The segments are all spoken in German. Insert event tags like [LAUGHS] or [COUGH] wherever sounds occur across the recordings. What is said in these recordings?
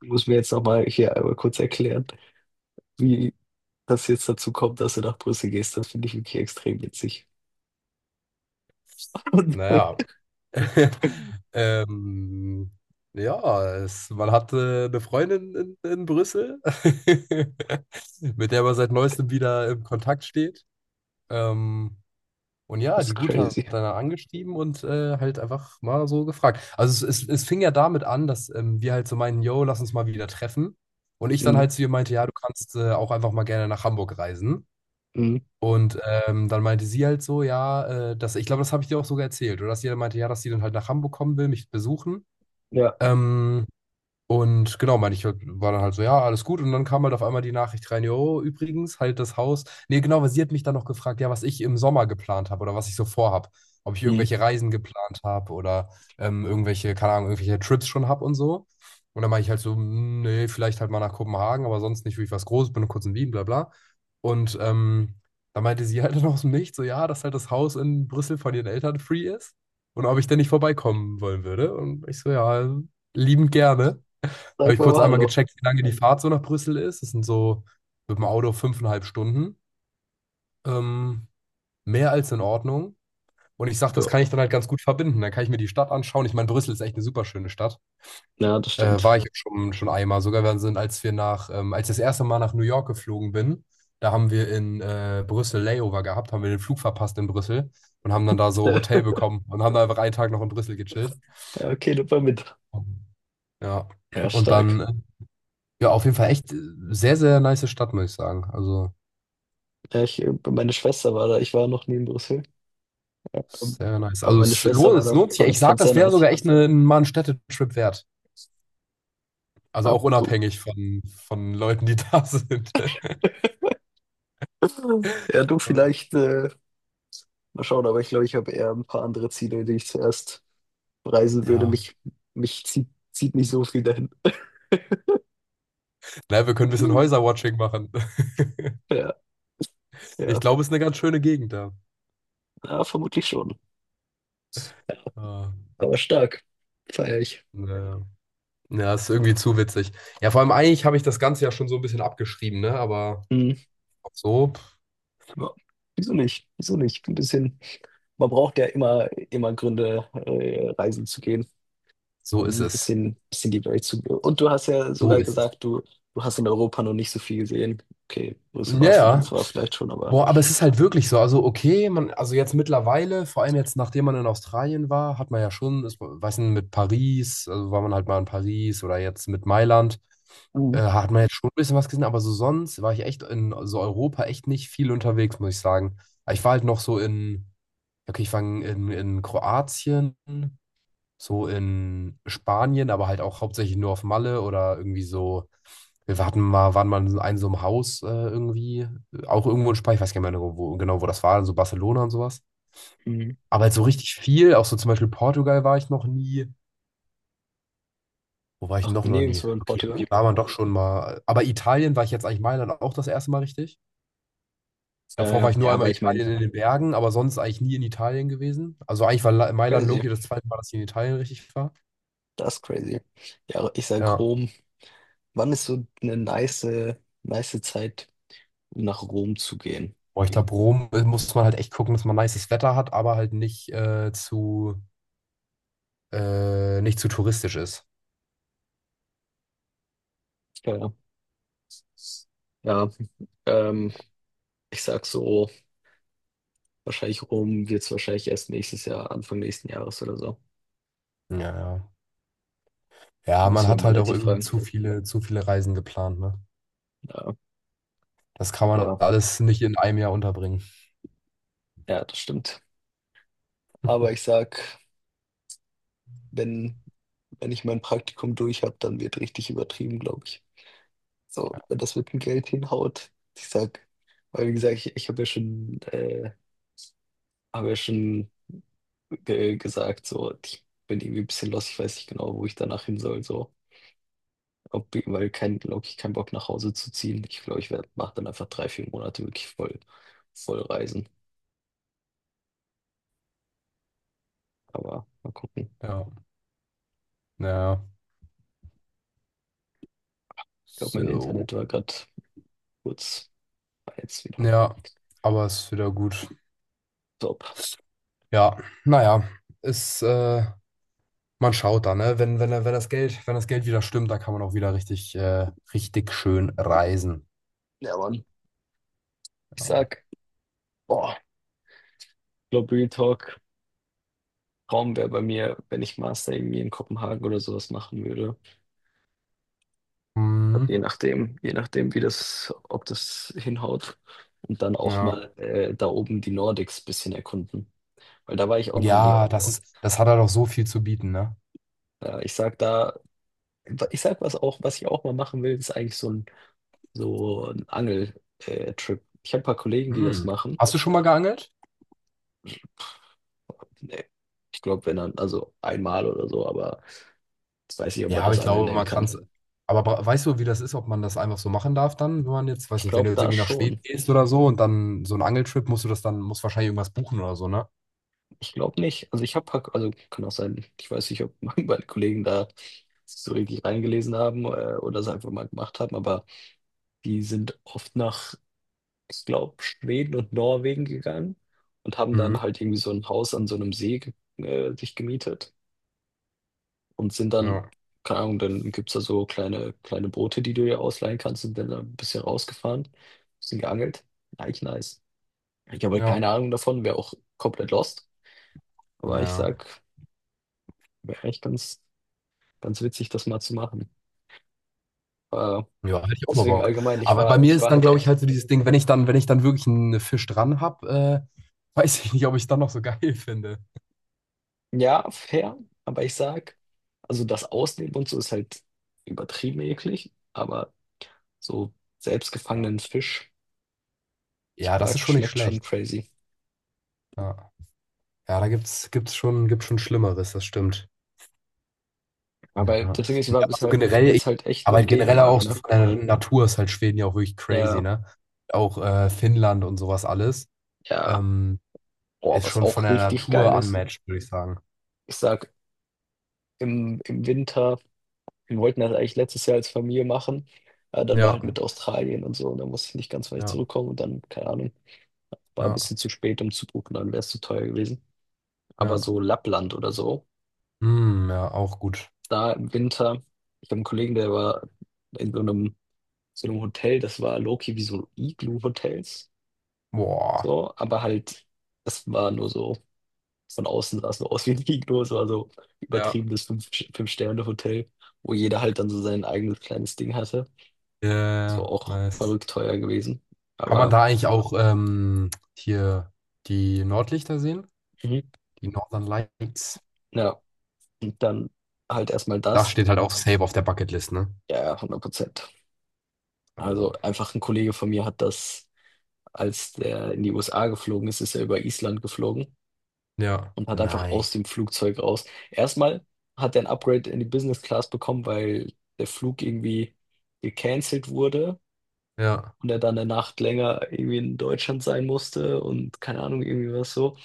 Muss mir jetzt nochmal hier einmal kurz erklären, wie das jetzt dazu kommt, dass du nach Brüssel gehst. Das finde ich wirklich extrem witzig. Naja, [LAUGHS] [LAUGHS] ähm, ja, man hatte eine Freundin in Brüssel, [LAUGHS] mit der man seit neuestem wieder im Kontakt steht. Ähm, und ja, Das ist die Gute hat crazy. dann angeschrieben und halt einfach mal so gefragt. Also es fing ja damit an, dass wir halt so meinen, yo, lass uns mal wieder treffen. Und ich dann Mm, halt zu ihr meinte, ja, du kannst auch einfach mal gerne nach Hamburg reisen. mm, Und dann meinte sie halt so, ja, dass, ich glaube, das habe ich dir auch sogar erzählt, oder dass sie dann meinte, ja, dass sie dann halt nach Hamburg kommen will, mich besuchen. ja, Ähm, und genau, meine ich, war dann halt so, ja, alles gut. Und dann kam halt auf einmal die Nachricht rein, jo, übrigens, halt das Haus. Nee, genau, weil sie hat mich dann noch gefragt, ja, was ich im Sommer geplant habe oder was ich so vorhab. Ob ich mm. irgendwelche Reisen geplant habe oder irgendwelche, keine Ahnung, irgendwelche Trips schon habe und so. Und dann meine ich halt so: Mm, nee, vielleicht halt mal nach Kopenhagen, aber sonst nicht wirklich was Großes, bin nur kurz in Wien, bla bla. Und dann meinte sie halt [LAUGHS] dann aus dem Nichts, so, ja, dass halt das Haus in Brüssel von ihren Eltern free ist und ob ich denn nicht vorbeikommen wollen würde. Und ich so, ja, liebend gerne. Habe Sag ich mir kurz mal einmal Hallo. gecheckt, wie lange die Fahrt so nach Brüssel ist. Es sind so mit dem Auto fünfeinhalb Stunden. Ähm, Mehr als in Ordnung. Und ich sage, das kann Ja, ich dann halt ganz gut verbinden. Dann kann ich mir die Stadt anschauen. Ich meine, Brüssel ist echt eine super schöne Stadt. ja, das War stimmt. ich auch schon einmal. Sogar wir sind, als ich das erste Mal nach New York geflogen bin, da haben wir in Brüssel Layover gehabt, haben wir den Flug verpasst in Brüssel und haben dann da so Hotel [LAUGHS] bekommen und haben da einfach einen Tag noch in Brüssel gechillt. Ja, okay, nimm mal mit. Ja. Ja, Und dann stark. Ja, auf jeden Fall echt sehr, sehr nice Stadt, muss ich sagen. Also, Ja, meine Schwester war da. Ich war noch nie in Brüssel. Ähm, sehr nice. Aber Also, meine Schwester war es da. lohnt sich. Ich Fand, sag, fand's sehr das wäre nice. sogar echt mal ein Städtetrip wert. Also Ja, auch du. unabhängig von Leuten, die da sind. [LAUGHS] [LAUGHS] Ja, du Äh, vielleicht. Mal schauen, aber ich glaube, ich habe eher ein paar andere Ziele, die ich zuerst reisen würde. Ja. Mich zieht nicht so viel dahin. Naja, wir können ein bisschen [LAUGHS] Häuserwatching machen. [LAUGHS] Ja, Ich ja, glaube, es ist eine ganz schöne Gegend da. ja, vermutlich schon. Äh, Aber stark. Feier ich. Naja. Ja, ja, ist irgendwie zu witzig. Ja, vor allem eigentlich habe ich das Ganze ja schon so ein bisschen abgeschrieben, ne? Aber Hm. so, Ja. Wieso nicht? Wieso nicht? Ein bisschen. Man braucht ja immer Gründe, reisen zu gehen so und ist ein es. bisschen die Welt zu. Und du hast ja So sogar ist es. gesagt, du hast in Europa noch nicht so viel gesehen. Okay, Brüssel Ja, warst du dann ja. zwar vielleicht schon, aber. Boah, aber es ist halt wirklich so. Also, okay, man, also jetzt mittlerweile, vor allem jetzt, nachdem man in Australien war, hat man ja schon, ist, weiß nicht, mit Paris, also war man halt mal in Paris oder jetzt mit Mailand, hat man jetzt schon ein bisschen was gesehen, aber so sonst war ich echt in so Europa echt nicht viel unterwegs, muss ich sagen. Ich war halt noch so in, okay, ich war in Kroatien, so in Spanien, aber halt auch hauptsächlich nur auf Malle oder irgendwie so. Wir hatten mal, waren mal in einem so einem Haus irgendwie, auch irgendwo in Spanien, ich weiß gar nicht mehr genau, wo das war, so Barcelona und sowas. Mhm. Aber halt so richtig viel, auch so zum Beispiel Portugal war ich noch nie. Wo war ich Ach, noch nie? nirgendwo in Okay, Portugal. irgendwie war man doch schon mal. Aber Italien war ich jetzt eigentlich Mailand auch das erste Mal richtig. Davor war Ja, ich ja, nur einmal aber ich meine, Italien in den Bergen, aber sonst eigentlich nie in Italien gewesen. Also eigentlich war Mailand crazy. Loki das zweite Mal, dass ich in Italien richtig war. Das ist crazy. Ja, aber ich sag Ja. Rom. Wann ist so eine nice Zeit, um nach Rom zu gehen? Boah, ich glaube, Rom muss man halt echt gucken, dass man nices Wetter hat, aber halt nicht zu touristisch ist. Ja, ja. Ähm, ich sag so, wahrscheinlich Rom wird's wahrscheinlich erst nächstes Jahr, Anfang nächsten Jahres oder so. Ja, ja. Da Ja, man müssen wir hat halt auch Maletti irgendwie fragen. Zu viele Reisen geplant, ne? Ja, Das kann man aber alles nicht in einem Jahr unterbringen. ja, das stimmt. Aber ich [LAUGHS] sag, wenn, wenn ich mein Praktikum durch habe, dann wird richtig übertrieben, glaube ich. So, wenn das mit dem Geld hinhaut, ich sag, weil wie gesagt, ich habe ja schon ge gesagt, so, ich bin irgendwie ein bisschen lost, ich weiß nicht genau, wo ich danach hin soll, so. Weil kein, glaube ich, keinen Bock nach Hause zu ziehen. Ich glaube, mache dann einfach drei, vier Monate wirklich voll reisen. Aber mal gucken. Ja, ja. Ich glaube, mein So. Internet war gerade kurz, war jetzt wieder. Ja, aber ist wieder gut. Top. Ja, naja, ist, äh, man schaut da, ne? Wenn das Geld wieder stimmt, dann kann man auch wieder richtig schön reisen. Ja, Mann. Ich Ja. sag, boah, ich glaube, Real Talk, Traum wäre bei mir, wenn ich Master irgendwie in Kopenhagen oder sowas machen würde. Also je Mhm. nachdem, je nachdem, ob das hinhaut. Und dann auch Ja. mal da oben die Nordics ein bisschen erkunden. Weil da war ich auch noch nie. Ja, das hat er doch so viel zu bieten, ne? Ja, ich sag was auch, was ich auch mal machen will, ist eigentlich so ein Angel-Trip. Ich habe ein paar Kollegen, die das hm, machen. Hast du schon mal geangelt? Nee, ich glaube, wenn dann, also einmal oder so, aber jetzt weiß ich, ob Ja, man aber das ich Angeln glaube, nennen man kann kann. es. Aber weißt du, wie das ist, ob man das einfach so machen darf dann, wenn man jetzt, weiß Ich nicht, wenn du glaube jetzt da irgendwie nach Schweden schon. gehst oder so und dann so einen Angeltrip, musst du das dann, musst wahrscheinlich irgendwas buchen oder so, ne? Ich glaube nicht. Also also kann auch sein, ich weiß nicht, ob [LAUGHS] meine Kollegen da sich so richtig reingelesen haben oder es einfach mal gemacht haben, aber die sind oft nach, ich glaube, Schweden und Norwegen gegangen und haben Mhm. dann halt irgendwie so ein Haus an so einem See sich gemietet und sind dann, Ja, keine Ahnung, dann gibt es da so kleine Boote, die du dir ausleihen kannst, sind dann da ein bisschen rausgefahren, bisschen geangelt. Eigentlich nice. Ich habe halt ja. keine Ahnung davon, wäre auch komplett lost, aber ich Ja, sag, wäre echt ganz witzig, das mal zu machen. Äh, ja, hätte ich auch mal deswegen Bock. allgemein, ich Aber bei war, mir ich ist war dann, halt glaube ich, echt, halt so dieses Ding, wenn ich dann, wenn ich dann wirklich einen Fisch dran habe, [LAUGHS] weiß ich nicht, ob ich es dann noch so geil finde. ja, fair, aber ich sag, also das Ausnehmen und so ist halt übertrieben eklig, aber so Ja. selbstgefangenen Fisch, ich Ja, das ist sag, schon nicht schmeckt schon schlecht. crazy. Ja. Ja, da gibt's schon Schlimmeres, das stimmt. Ja. Aber das Ding ist, ich war Ja. Also, ja, bisher generell, jetzt halt echt nur aber in generell Dänemark, auch so ne? von der Natur ist halt Schweden ja auch wirklich crazy, Ja, ne? Auch Finnland und sowas alles ja. ähm, Boah, ist was schon von auch der richtig geil Natur ist. unmatched, würde ich sagen. Ich sag, im Winter, wir wollten das eigentlich letztes Jahr als Familie machen. Ja, dann war halt Ja, mit Australien und so, und dann musste ich nicht ganz weit ja, zurückkommen und dann, keine Ahnung, war ein ja, bisschen zu spät, um zu buchen, dann wäre es zu teuer gewesen. Aber ja. so Lappland oder so, Ja, auch gut. da im Winter, ich habe einen Kollegen, der war in so einem Hotel, das war Loki wie so Igloo-Hotels, Boah. so, aber halt, das war nur so, von außen sah es nur aus wie ein Igloo, es war so Ja. übertriebenes Fünf-Sterne-Hotel, wo jeder halt dann so sein eigenes kleines Ding hatte. So Ja, auch nice. verrückt teuer gewesen, Kann man aber da eigentlich auch hier die Nordlichter sehen? mhm. Die Northern Lights? ja, und dann halt erstmal Das das, steht halt auch safe auf der Bucketlist, ne? ja, ja, 100%. Also Also. einfach ein Kollege von mir hat das, als der in die USA geflogen ist, ist er über Island geflogen Ja. und hat einfach Nein. aus dem Flugzeug raus. Erstmal hat er ein Upgrade in die Business Class bekommen, weil der Flug irgendwie gecancelt wurde Ja. und er dann eine Nacht länger irgendwie in Deutschland sein musste und keine Ahnung, irgendwie was so.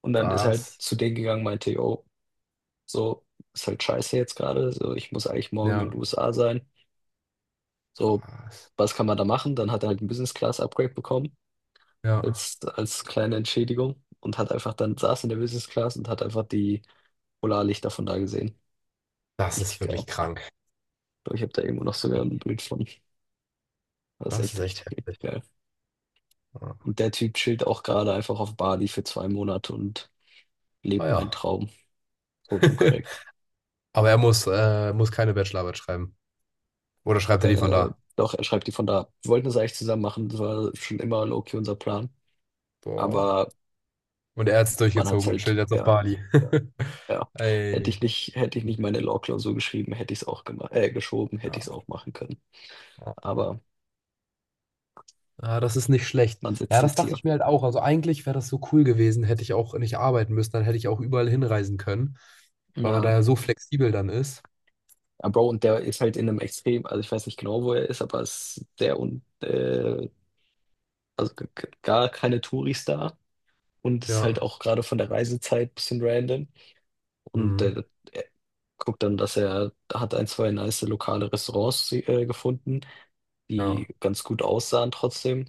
Und dann ist er halt Was? zu denen gegangen, meinte, yo, so ist halt scheiße jetzt gerade, so ich muss eigentlich morgen in Ja. den USA sein. So, Was? was kann man da machen? Dann hat er halt ein Business Class Upgrade bekommen, Ja. als kleine Entschädigung und hat einfach dann saß in der Business Class und hat einfach die Polarlichter von da gesehen. Das ist Richtig geil. wirklich Ich krank. glaube, ich habe da irgendwo noch sogar Ey, ein Bild von. Das ist das echt ist echt richtig, heftig. richtig geil. Ja. Und der Typ chillt auch gerade einfach auf Bali für 2 Monate und lebt meinen Naja. Traum. Fotokorrekt. [LAUGHS] Aber er muss keine Bachelorarbeit schreiben. Oder schreibt er die von Äh, da? doch, er schreibt die von da. Wir wollten das eigentlich zusammen machen. Das war schon immer low-key unser Plan. Boah. Aber Und er hat es man hat's durchgezogen und chillt halt, jetzt auf ja, Bali. [LAUGHS] ja. Hätte Ey. ich nicht, hätte ich nicht meine Law-Klausur geschrieben, hätte ich es auch geschoben, hätte ich es Ja, auch machen können. ja. Aber Ja, das ist nicht schlecht. man sitzt Ja, das jetzt dachte hier. ich mir halt auch. Also eigentlich wäre das so cool gewesen, hätte ich auch nicht arbeiten müssen, dann hätte ich auch überall hinreisen können, weil man Na, da ja so flexibel dann ist. ja, Bro, und der ist halt in einem extrem, also ich weiß nicht genau, wo er ist, aber es ist sehr und also gar keine Touris da und ist halt Ja. auch gerade von der Reisezeit ein bisschen random. Und Mhm. Er guckt dann, dass er hat ein, zwei nice lokale Restaurants gefunden, Ja. die ganz gut aussahen trotzdem.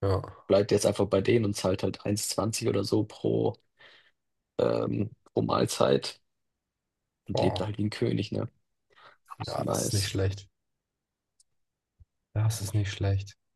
Ja. Bleibt jetzt einfach bei denen und zahlt halt 1,20 oder so pro Mahlzeit und lebt Boah. halt wie ein König, ne? Ist Ja, das ist nicht nice. schlecht. Das ist nicht schlecht.